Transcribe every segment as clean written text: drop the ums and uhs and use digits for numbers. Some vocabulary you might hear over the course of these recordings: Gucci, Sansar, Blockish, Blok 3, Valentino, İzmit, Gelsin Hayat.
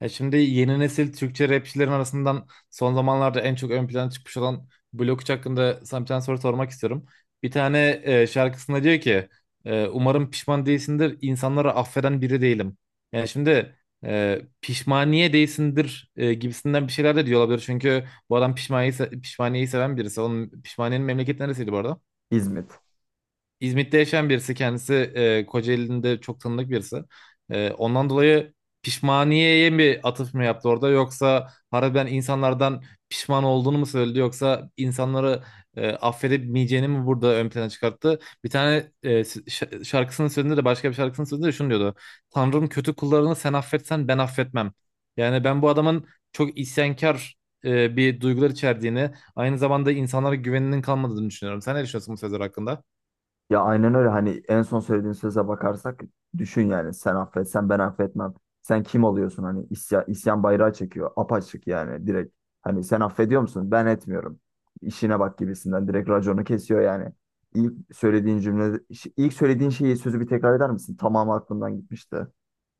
Ya şimdi yeni nesil Türkçe rapçilerin arasından son zamanlarda en çok ön plana çıkmış olan Blok 3 hakkında sana bir tane soru sormak istiyorum. Bir tane şarkısında diyor ki, umarım pişman değilsindir, insanları affeden biri değilim. Yani şimdi pişmaniye değilsindir gibisinden bir şeyler de diyor olabilir. Çünkü bu adam pişmaniyeyi seven birisi. Onun pişmaniyenin memleketi neresiydi bu arada? İzmit. İzmit'te yaşayan birisi kendisi, Kocaeli'nde çok tanıdık birisi. Ondan dolayı pişmaniyeye mi atıf mı yaptı orada, yoksa harbiden insanlardan pişman olduğunu mu söyledi, yoksa insanları affedemeyeceğini mi burada ön plana çıkarttı? Bir tane şarkısının sözünde de, başka bir şarkısının sözünde de şunu diyordu. Tanrım, kötü kullarını sen affetsen ben affetmem. Yani ben bu adamın çok isyankar, bir duygular içerdiğini, aynı zamanda insanlara güveninin kalmadığını düşünüyorum. Sen ne düşünüyorsun bu sözler hakkında? Ya aynen öyle, hani en son söylediğin söze bakarsak düşün, yani sen affetsen ben affetmem. Sen kim oluyorsun? Hani isyan, bayrağı çekiyor apaçık, yani direkt. Hani sen affediyor musun? Ben etmiyorum. İşine bak gibisinden direkt raconu kesiyor yani. İlk söylediğin cümle, ilk söylediğin şeyi, sözü bir tekrar eder misin? Tamamı aklımdan gitmişti.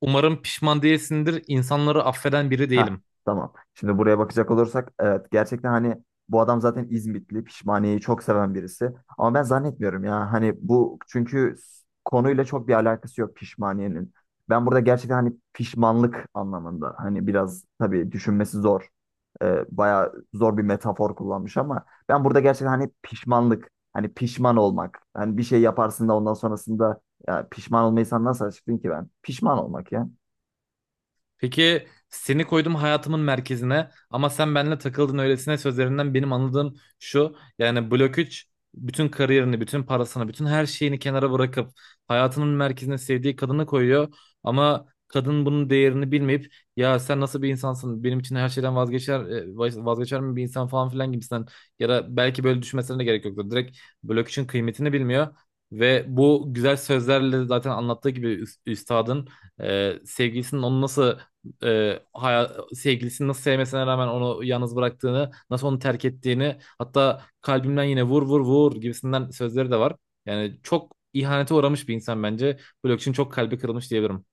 Umarım pişman değilsindir. İnsanları affeden biri Ha, değilim. tamam. Şimdi buraya bakacak olursak, evet, gerçekten hani bu adam zaten İzmitli, pişmaniyeyi çok seven birisi. Ama ben zannetmiyorum ya, hani bu, çünkü konuyla çok bir alakası yok pişmaniyenin. Ben burada gerçekten hani pişmanlık anlamında, hani biraz tabii düşünmesi zor. Bayağı zor bir metafor kullanmış, ama ben burada gerçekten hani pişmanlık, hani pişman olmak, hani bir şey yaparsın da ondan sonrasında ya pişman olmayı sen nasıl açıklayayım ki ben? Pişman olmak ya. Peki, seni koydum hayatımın merkezine ama sen benimle takıldın öylesine sözlerinden benim anladığım şu. Yani Blok 3 bütün kariyerini, bütün parasını, bütün her şeyini kenara bırakıp hayatının merkezine sevdiği kadını koyuyor. Ama kadın bunun değerini bilmeyip ya sen nasıl bir insansın, benim için her şeyden vazgeçer mi bir insan falan filan gibisinden, ya da belki böyle düşünmesine de gerek yoktu. Direkt Blok 3'ün kıymetini bilmiyor. Ve bu güzel sözlerle zaten anlattığı gibi üstadın, sevgilisinin onu nasıl, sevgilisini nasıl sevmesine rağmen onu yalnız bıraktığını, nasıl onu terk ettiğini, hatta kalbimden yine vur vur vur gibisinden sözleri de var. Yani çok ihanete uğramış bir insan bence. Blok için çok kalbi kırılmış diyebilirim.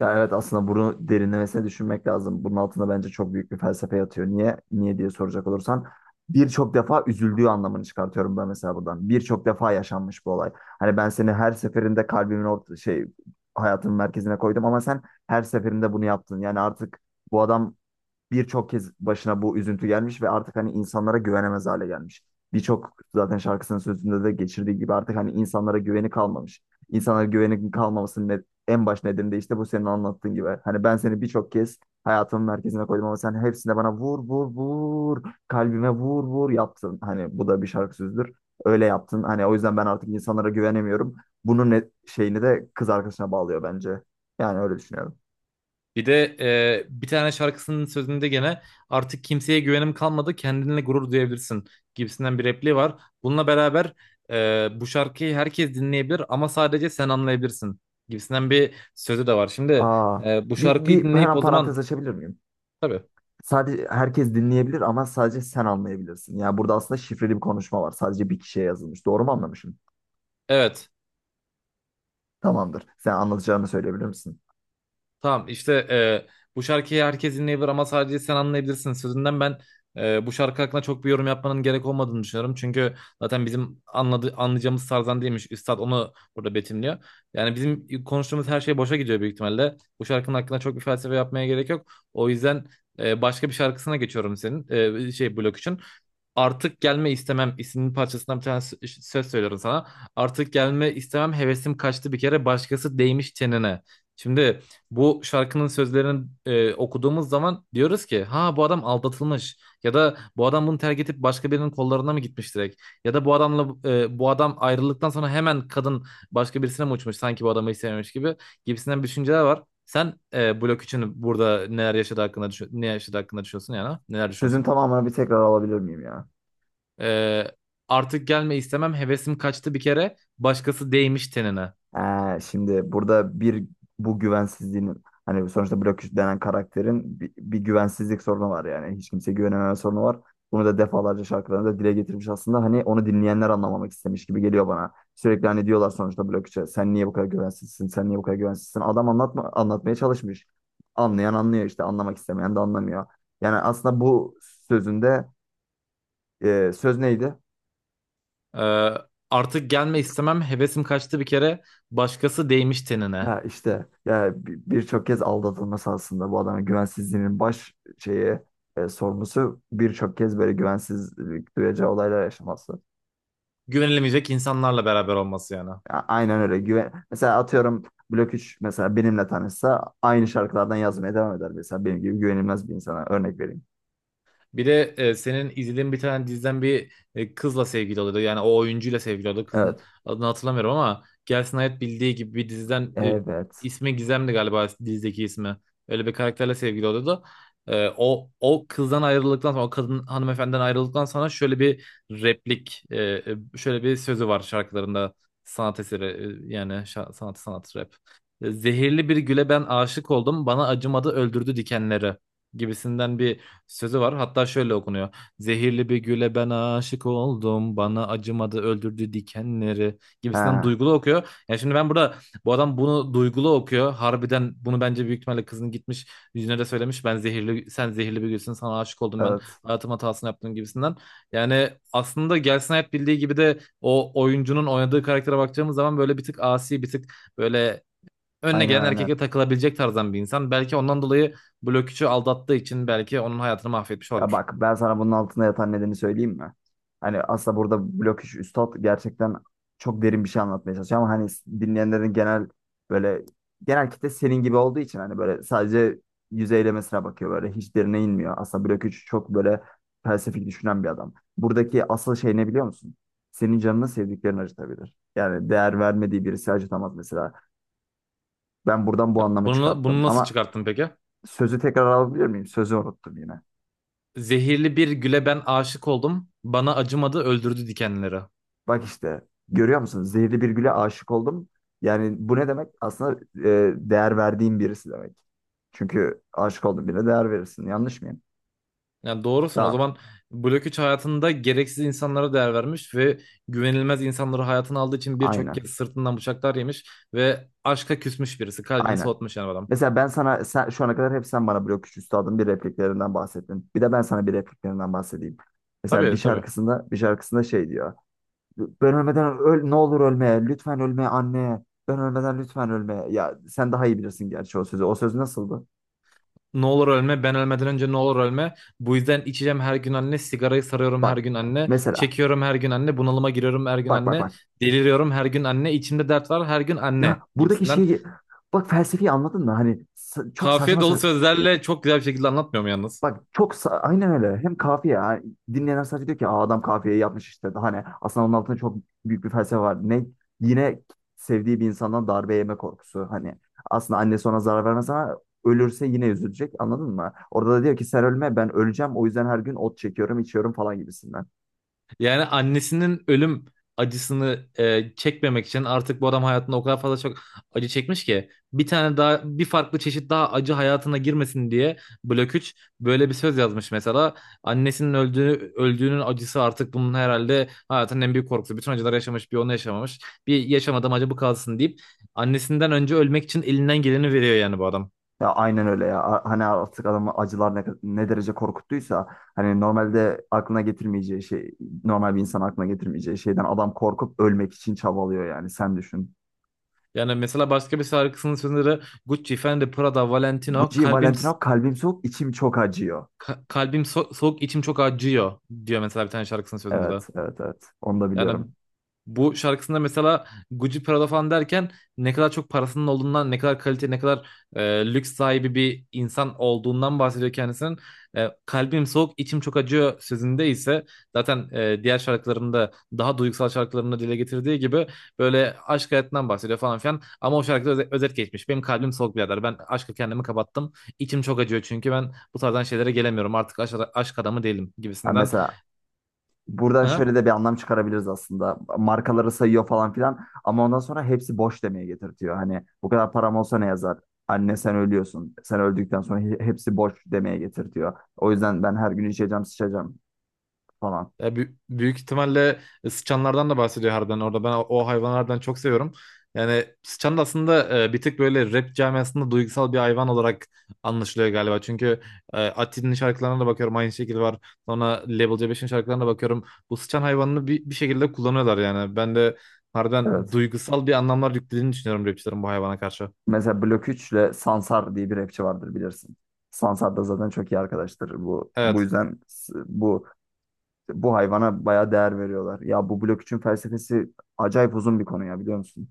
Ya evet, aslında bunu derinlemesine düşünmek lazım. Bunun altında bence çok büyük bir felsefe yatıyor. Niye? Niye diye soracak olursan, birçok defa üzüldüğü anlamını çıkartıyorum ben mesela buradan. Birçok defa yaşanmış bu olay. Hani ben seni her seferinde kalbimin orta şey, hayatımın merkezine koydum ama sen her seferinde bunu yaptın. Yani artık bu adam birçok kez başına bu üzüntü gelmiş ve artık hani insanlara güvenemez hale gelmiş. Birçok zaten şarkısının sözünde de geçirdiği gibi artık hani insanlara güveni kalmamış. İnsanlara güveni kalmamasının en baş nedeni de işte bu, senin anlattığın gibi. Hani ben seni birçok kez hayatımın merkezine koydum ama sen hepsinde bana vur vur vur, kalbime vur vur yaptın. Hani bu da bir şarkı sözüdür. Öyle yaptın. Hani o yüzden ben artık insanlara güvenemiyorum. Bunun ne, şeyini de kız arkadaşına bağlıyor bence. Yani öyle düşünüyorum. Bir de bir tane şarkısının sözünde gene artık kimseye güvenim kalmadı, kendinle gurur duyabilirsin gibisinden bir repliği var. Bununla beraber bu şarkıyı herkes dinleyebilir ama sadece sen anlayabilirsin gibisinden bir sözü de var. Şimdi Aa, bu bir, şarkıyı bir dinleyip hemen o parantez zaman. açabilir miyim? Tabii. Sadece herkes dinleyebilir ama sadece sen anlayabilirsin. Yani burada aslında şifreli bir konuşma var. Sadece bir kişiye yazılmış. Doğru mu anlamışım? Evet. Tamamdır. Sen anlatacağını söyleyebilir misin? Tamam, işte bu şarkıyı herkes dinleyebilir ama sadece sen anlayabilirsin sözünden ben bu şarkı hakkında çok bir yorum yapmanın gerek olmadığını düşünüyorum. Çünkü zaten bizim anlayacağımız tarzdan değilmiş. Üstad onu burada betimliyor. Yani bizim konuştuğumuz her şey boşa gidiyor büyük ihtimalle. Bu şarkının hakkında çok bir felsefe yapmaya gerek yok. O yüzden başka bir şarkısına geçiyorum senin, şey, Blok için. Artık gelme istemem isimli parçasından bir tane söz söylüyorum sana. Artık gelme istemem, hevesim kaçtı bir kere, başkası değmiş çenene. Şimdi bu şarkının sözlerini okuduğumuz zaman diyoruz ki ha, bu adam aldatılmış, ya da bu adam bunu terk edip başka birinin kollarına mı gitmiş direkt, ya da bu adam ayrıldıktan sonra hemen kadın başka birisine mi uçmuş sanki bu adamı hiç sevmemiş gibi, gibisinden bir düşünceler var. Sen Blok için burada neler yaşadı hakkında düşün- ne yaşadı hakkında düşünüyorsun yani, ha? Neler Sözün düşünüyorsun? tamamını bir tekrar alabilir miyim ya? Ee, artık gelme istemem, hevesim kaçtı bir kere. Başkası değmiş tenine. Ha, şimdi burada bir, bu güvensizliğin, hani sonuçta Blockish denen karakterin bir güvensizlik sorunu var yani. Hiç kimseye güvenememe sorunu var. Bunu da defalarca şarkılarında dile getirmiş aslında. Hani onu dinleyenler anlamamak istemiş gibi geliyor bana. Sürekli hani diyorlar sonuçta Blockage'e, sen niye bu kadar güvensizsin? Sen niye bu kadar güvensizsin? Adam anlatmaya çalışmış. Anlayan anlıyor işte, anlamak istemeyen de anlamıyor. Yani aslında bu sözünde söz neydi? Ee, artık gelme istemem, hevesim kaçtı bir kere. Başkası değmiş tenine. Ha işte ya, birçok kez aldatılması aslında bu adamın güvensizliğinin baş şeyi, sorumlusu birçok kez böyle güvensizlik duyacağı olaylar yaşaması. Güvenilemeyecek insanlarla beraber olması yani. Aynen öyle. Güven mesela atıyorum, Blok 3 mesela benimle tanışsa aynı şarkılardan yazmaya devam eder mesela, benim gibi güvenilmez bir insana örnek vereyim. Bir de senin izlediğin bir tane diziden bir kızla sevgili oluyordu. Yani o oyuncuyla sevgili oluyordu. Evet. Kızın adını hatırlamıyorum ama Gelsin Hayat Bildiği Gibi bir diziden, Evet. ismi Gizem'di galiba dizideki ismi. Öyle bir karakterle sevgili oluyordu. O kızdan ayrıldıktan sonra, o kadın hanımefendiden ayrıldıktan sonra şöyle bir replik e, e, şöyle bir sözü var şarkılarında, sanat eseri, yani sanat, sanat rap. Zehirli bir güle ben aşık oldum, bana acımadı öldürdü dikenleri gibisinden bir sözü var. Hatta şöyle okunuyor. Zehirli bir güle ben aşık oldum, bana acımadı öldürdü dikenleri gibisinden Ha, duygulu okuyor. Yani şimdi ben burada bu adam bunu duygulu okuyor. Harbiden bunu bence büyük ihtimalle kızın gitmiş yüzüne de söylemiş. Ben zehirli sen zehirli bir gülsün, sana aşık oldum ben, evet. hayatım hatasını yaptım gibisinden. Yani aslında Gelsin Hayat Bildiği Gibi de o oyuncunun oynadığı karaktere baktığımız zaman böyle bir tık asi, bir tık böyle önüne Aynen, gelen aynen. erkekle takılabilecek tarzdan bir insan. Belki ondan dolayı Blok 3'ü aldattığı için belki onun hayatını mahvetmiş Ya olabilir. bak, ben sana bunun altında yatan nedeni söyleyeyim mi? Hani aslında burada blok iş üstad gerçekten çok derin bir şey anlatmaya çalışıyor ama hani dinleyenlerin genel, böyle genel kitle senin gibi olduğu için hani böyle sadece yüzeylemesine bakıyor, böyle hiç derine inmiyor. Aslında blok 3 çok böyle felsefik düşünen bir adam. Buradaki asıl şey ne biliyor musun? Senin canını sevdiklerin acıtabilir. Yani değer vermediği birisi acıtamaz mesela. Ben buradan bu Ya anlamı bunu, çıkarttım bunu nasıl ama çıkarttın peki? sözü tekrar alabilir miyim? Sözü unuttum yine. Zehirli bir güle ben aşık oldum. Bana acımadı öldürdü dikenleri. Bak işte, görüyor musun? Zehirli bir güle aşık oldum. Yani bu ne demek? Aslında değer verdiğim birisi demek. Çünkü aşık olduğun birine değer verirsin. Yanlış mıyım? Yani doğrusun, o Tamam. zaman Blok 3 hayatında gereksiz insanlara değer vermiş ve güvenilmez insanları hayatına aldığı için birçok Aynen. kez sırtından bıçaklar yemiş ve aşka küsmüş birisi. Kalbini Aynen. soğutmuş yani adam. Mesela ben sana sen, şu ana kadar hep sen bana blok üç üstadın bir repliklerinden bahsettin. Bir de ben sana bir repliklerinden bahsedeyim. Mesela Tabii, tabii. Bir şarkısında şey diyor. Ben ölmeden öl, ne olur ölme. Lütfen ölme anne. Ben ölmeden lütfen ölme. Ya sen daha iyi bilirsin gerçi o sözü. O söz nasıldı? Ne olur ölme, ben ölmeden önce ne olur ölme. Bu yüzden içeceğim her gün anne. Sigarayı sarıyorum her Bak gün anne. mesela. Çekiyorum her gün anne. Bunalıma giriyorum her gün Bak bak anne. bak. Deliriyorum her gün anne. İçimde dert var her gün Ya anne buradaki gibisinden. şeyi, bak, felsefeyi anladın mı? Hani çok saçma Kafiye dolu sözlerle çok güzel bir şekilde anlatmıyorum yalnız. bak çok aynen öyle. Hem kafiye, yani dinleyenler sadece diyor ki, aa, adam kafiyeyi yapmış işte. Daha, hani aslında onun altında çok büyük bir felsefe var. Ne, yine sevdiği bir insandan darbe yeme korkusu. Hani aslında annesi ona zarar vermez ama ölürse yine üzülecek. Anladın mı? Orada da diyor ki sen ölme, ben öleceğim. O yüzden her gün ot çekiyorum, içiyorum falan gibisinden. Yani annesinin ölüm acısını çekmemek için artık bu adam hayatında o kadar fazla çok acı çekmiş ki bir tane daha bir farklı çeşit daha acı hayatına girmesin diye Blok 3 böyle bir söz yazmış mesela. Annesinin öldüğünün acısı artık bunun herhalde hayatının en büyük korkusu. Bütün acılar yaşamış, bir onu yaşamamış. Bir yaşamadım acı, bu kalsın deyip annesinden önce ölmek için elinden geleni veriyor yani bu adam. Ya aynen öyle ya. Hani artık adamı acılar ne, ne derece korkuttuysa, hani normalde aklına getirmeyeceği şey, normal bir insan aklına getirmeyeceği şeyden adam korkup ölmek için çabalıyor, yani sen düşün. Yani mesela başka bir şarkısının sözleri Gucci, Fendi, Prada, Valentino, Gucci kalbim Valentino, kalbim soğuk, içim çok acıyor. Ka- kalbim soğuk, içim çok acıyor diyor mesela bir tane şarkısının sözünde de. Evet, evet, evet, onu da Yani biliyorum. bu şarkısında mesela Gucci, Prada falan derken ne kadar çok parasının olduğundan, ne kadar kalite, ne kadar lüks sahibi bir insan olduğundan bahsediyor kendisinin. Kalbim soğuk, içim çok acıyor sözünde ise zaten, diğer şarkılarında, daha duygusal şarkılarında dile getirdiği gibi böyle aşk hayatından bahsediyor falan filan. Ama o şarkıda özet geçmiş. Benim kalbim soğuk birader. Ben aşkı, kendimi kapattım. İçim çok acıyor çünkü ben bu tarzdan şeylere gelemiyorum. Artık aşk adamı değilim Yani gibisinden. mesela buradan Hı hı. şöyle de bir anlam çıkarabiliriz aslında. Markaları sayıyor falan filan ama ondan sonra hepsi boş demeye getirtiyor. Hani bu kadar param olsa ne yazar? Anne sen ölüyorsun. Sen öldükten sonra hepsi boş demeye getirtiyor. O yüzden ben her gün içeceğim, sıçacağım falan. Ya büyük ihtimalle sıçanlardan da bahsediyor harbiden orada. Ben o hayvanlardan çok seviyorum. Yani sıçan da aslında bir tık böyle rap camiasında duygusal bir hayvan olarak anlaşılıyor galiba. Çünkü Ati'nin şarkılarına da bakıyorum, aynı şekilde var. Sonra Level C5'in şarkılarına da bakıyorum. Bu sıçan hayvanını bir şekilde kullanıyorlar yani. Ben de harbiden Evet. duygusal bir anlamlar yüklediğini düşünüyorum rapçilerin bu hayvana karşı. Mesela Blok 3 ile Sansar diye bir rapçi vardır, bilirsin. Sansar da zaten çok iyi arkadaştır. Bu Evet. yüzden bu hayvana bayağı değer veriyorlar. Ya bu Blok üçün felsefesi acayip uzun bir konu ya, biliyor musun?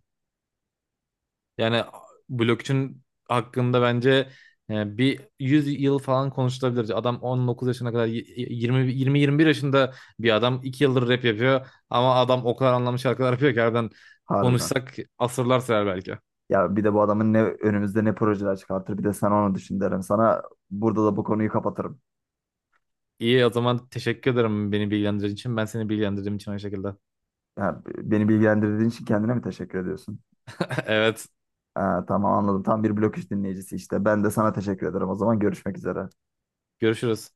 Yani blockchain hakkında bence 100 yıl falan konuşulabilir. Adam 19 yaşına kadar y- y- 20 20-21 yaşında bir adam 2 yıldır rap yapıyor ama adam o kadar anlamlı şarkılar yapıyor ki harbiden Harbiden. konuşsak asırlar sürer belki. Ya bir de bu adamın ne önümüzde ne projeler çıkartır, bir de sen onu düşün derim. Sana burada da bu konuyu kapatırım. İyi o zaman, teşekkür ederim beni bilgilendirdiğin için. Ben seni bilgilendirdiğim için aynı şekilde. Ya, beni bilgilendirdiğin için kendine mi teşekkür ediyorsun? Evet, Ha, tamam, anladım. Tam bir blok iş dinleyicisi işte. Ben de sana teşekkür ederim. O zaman görüşmek üzere. görüşürüz.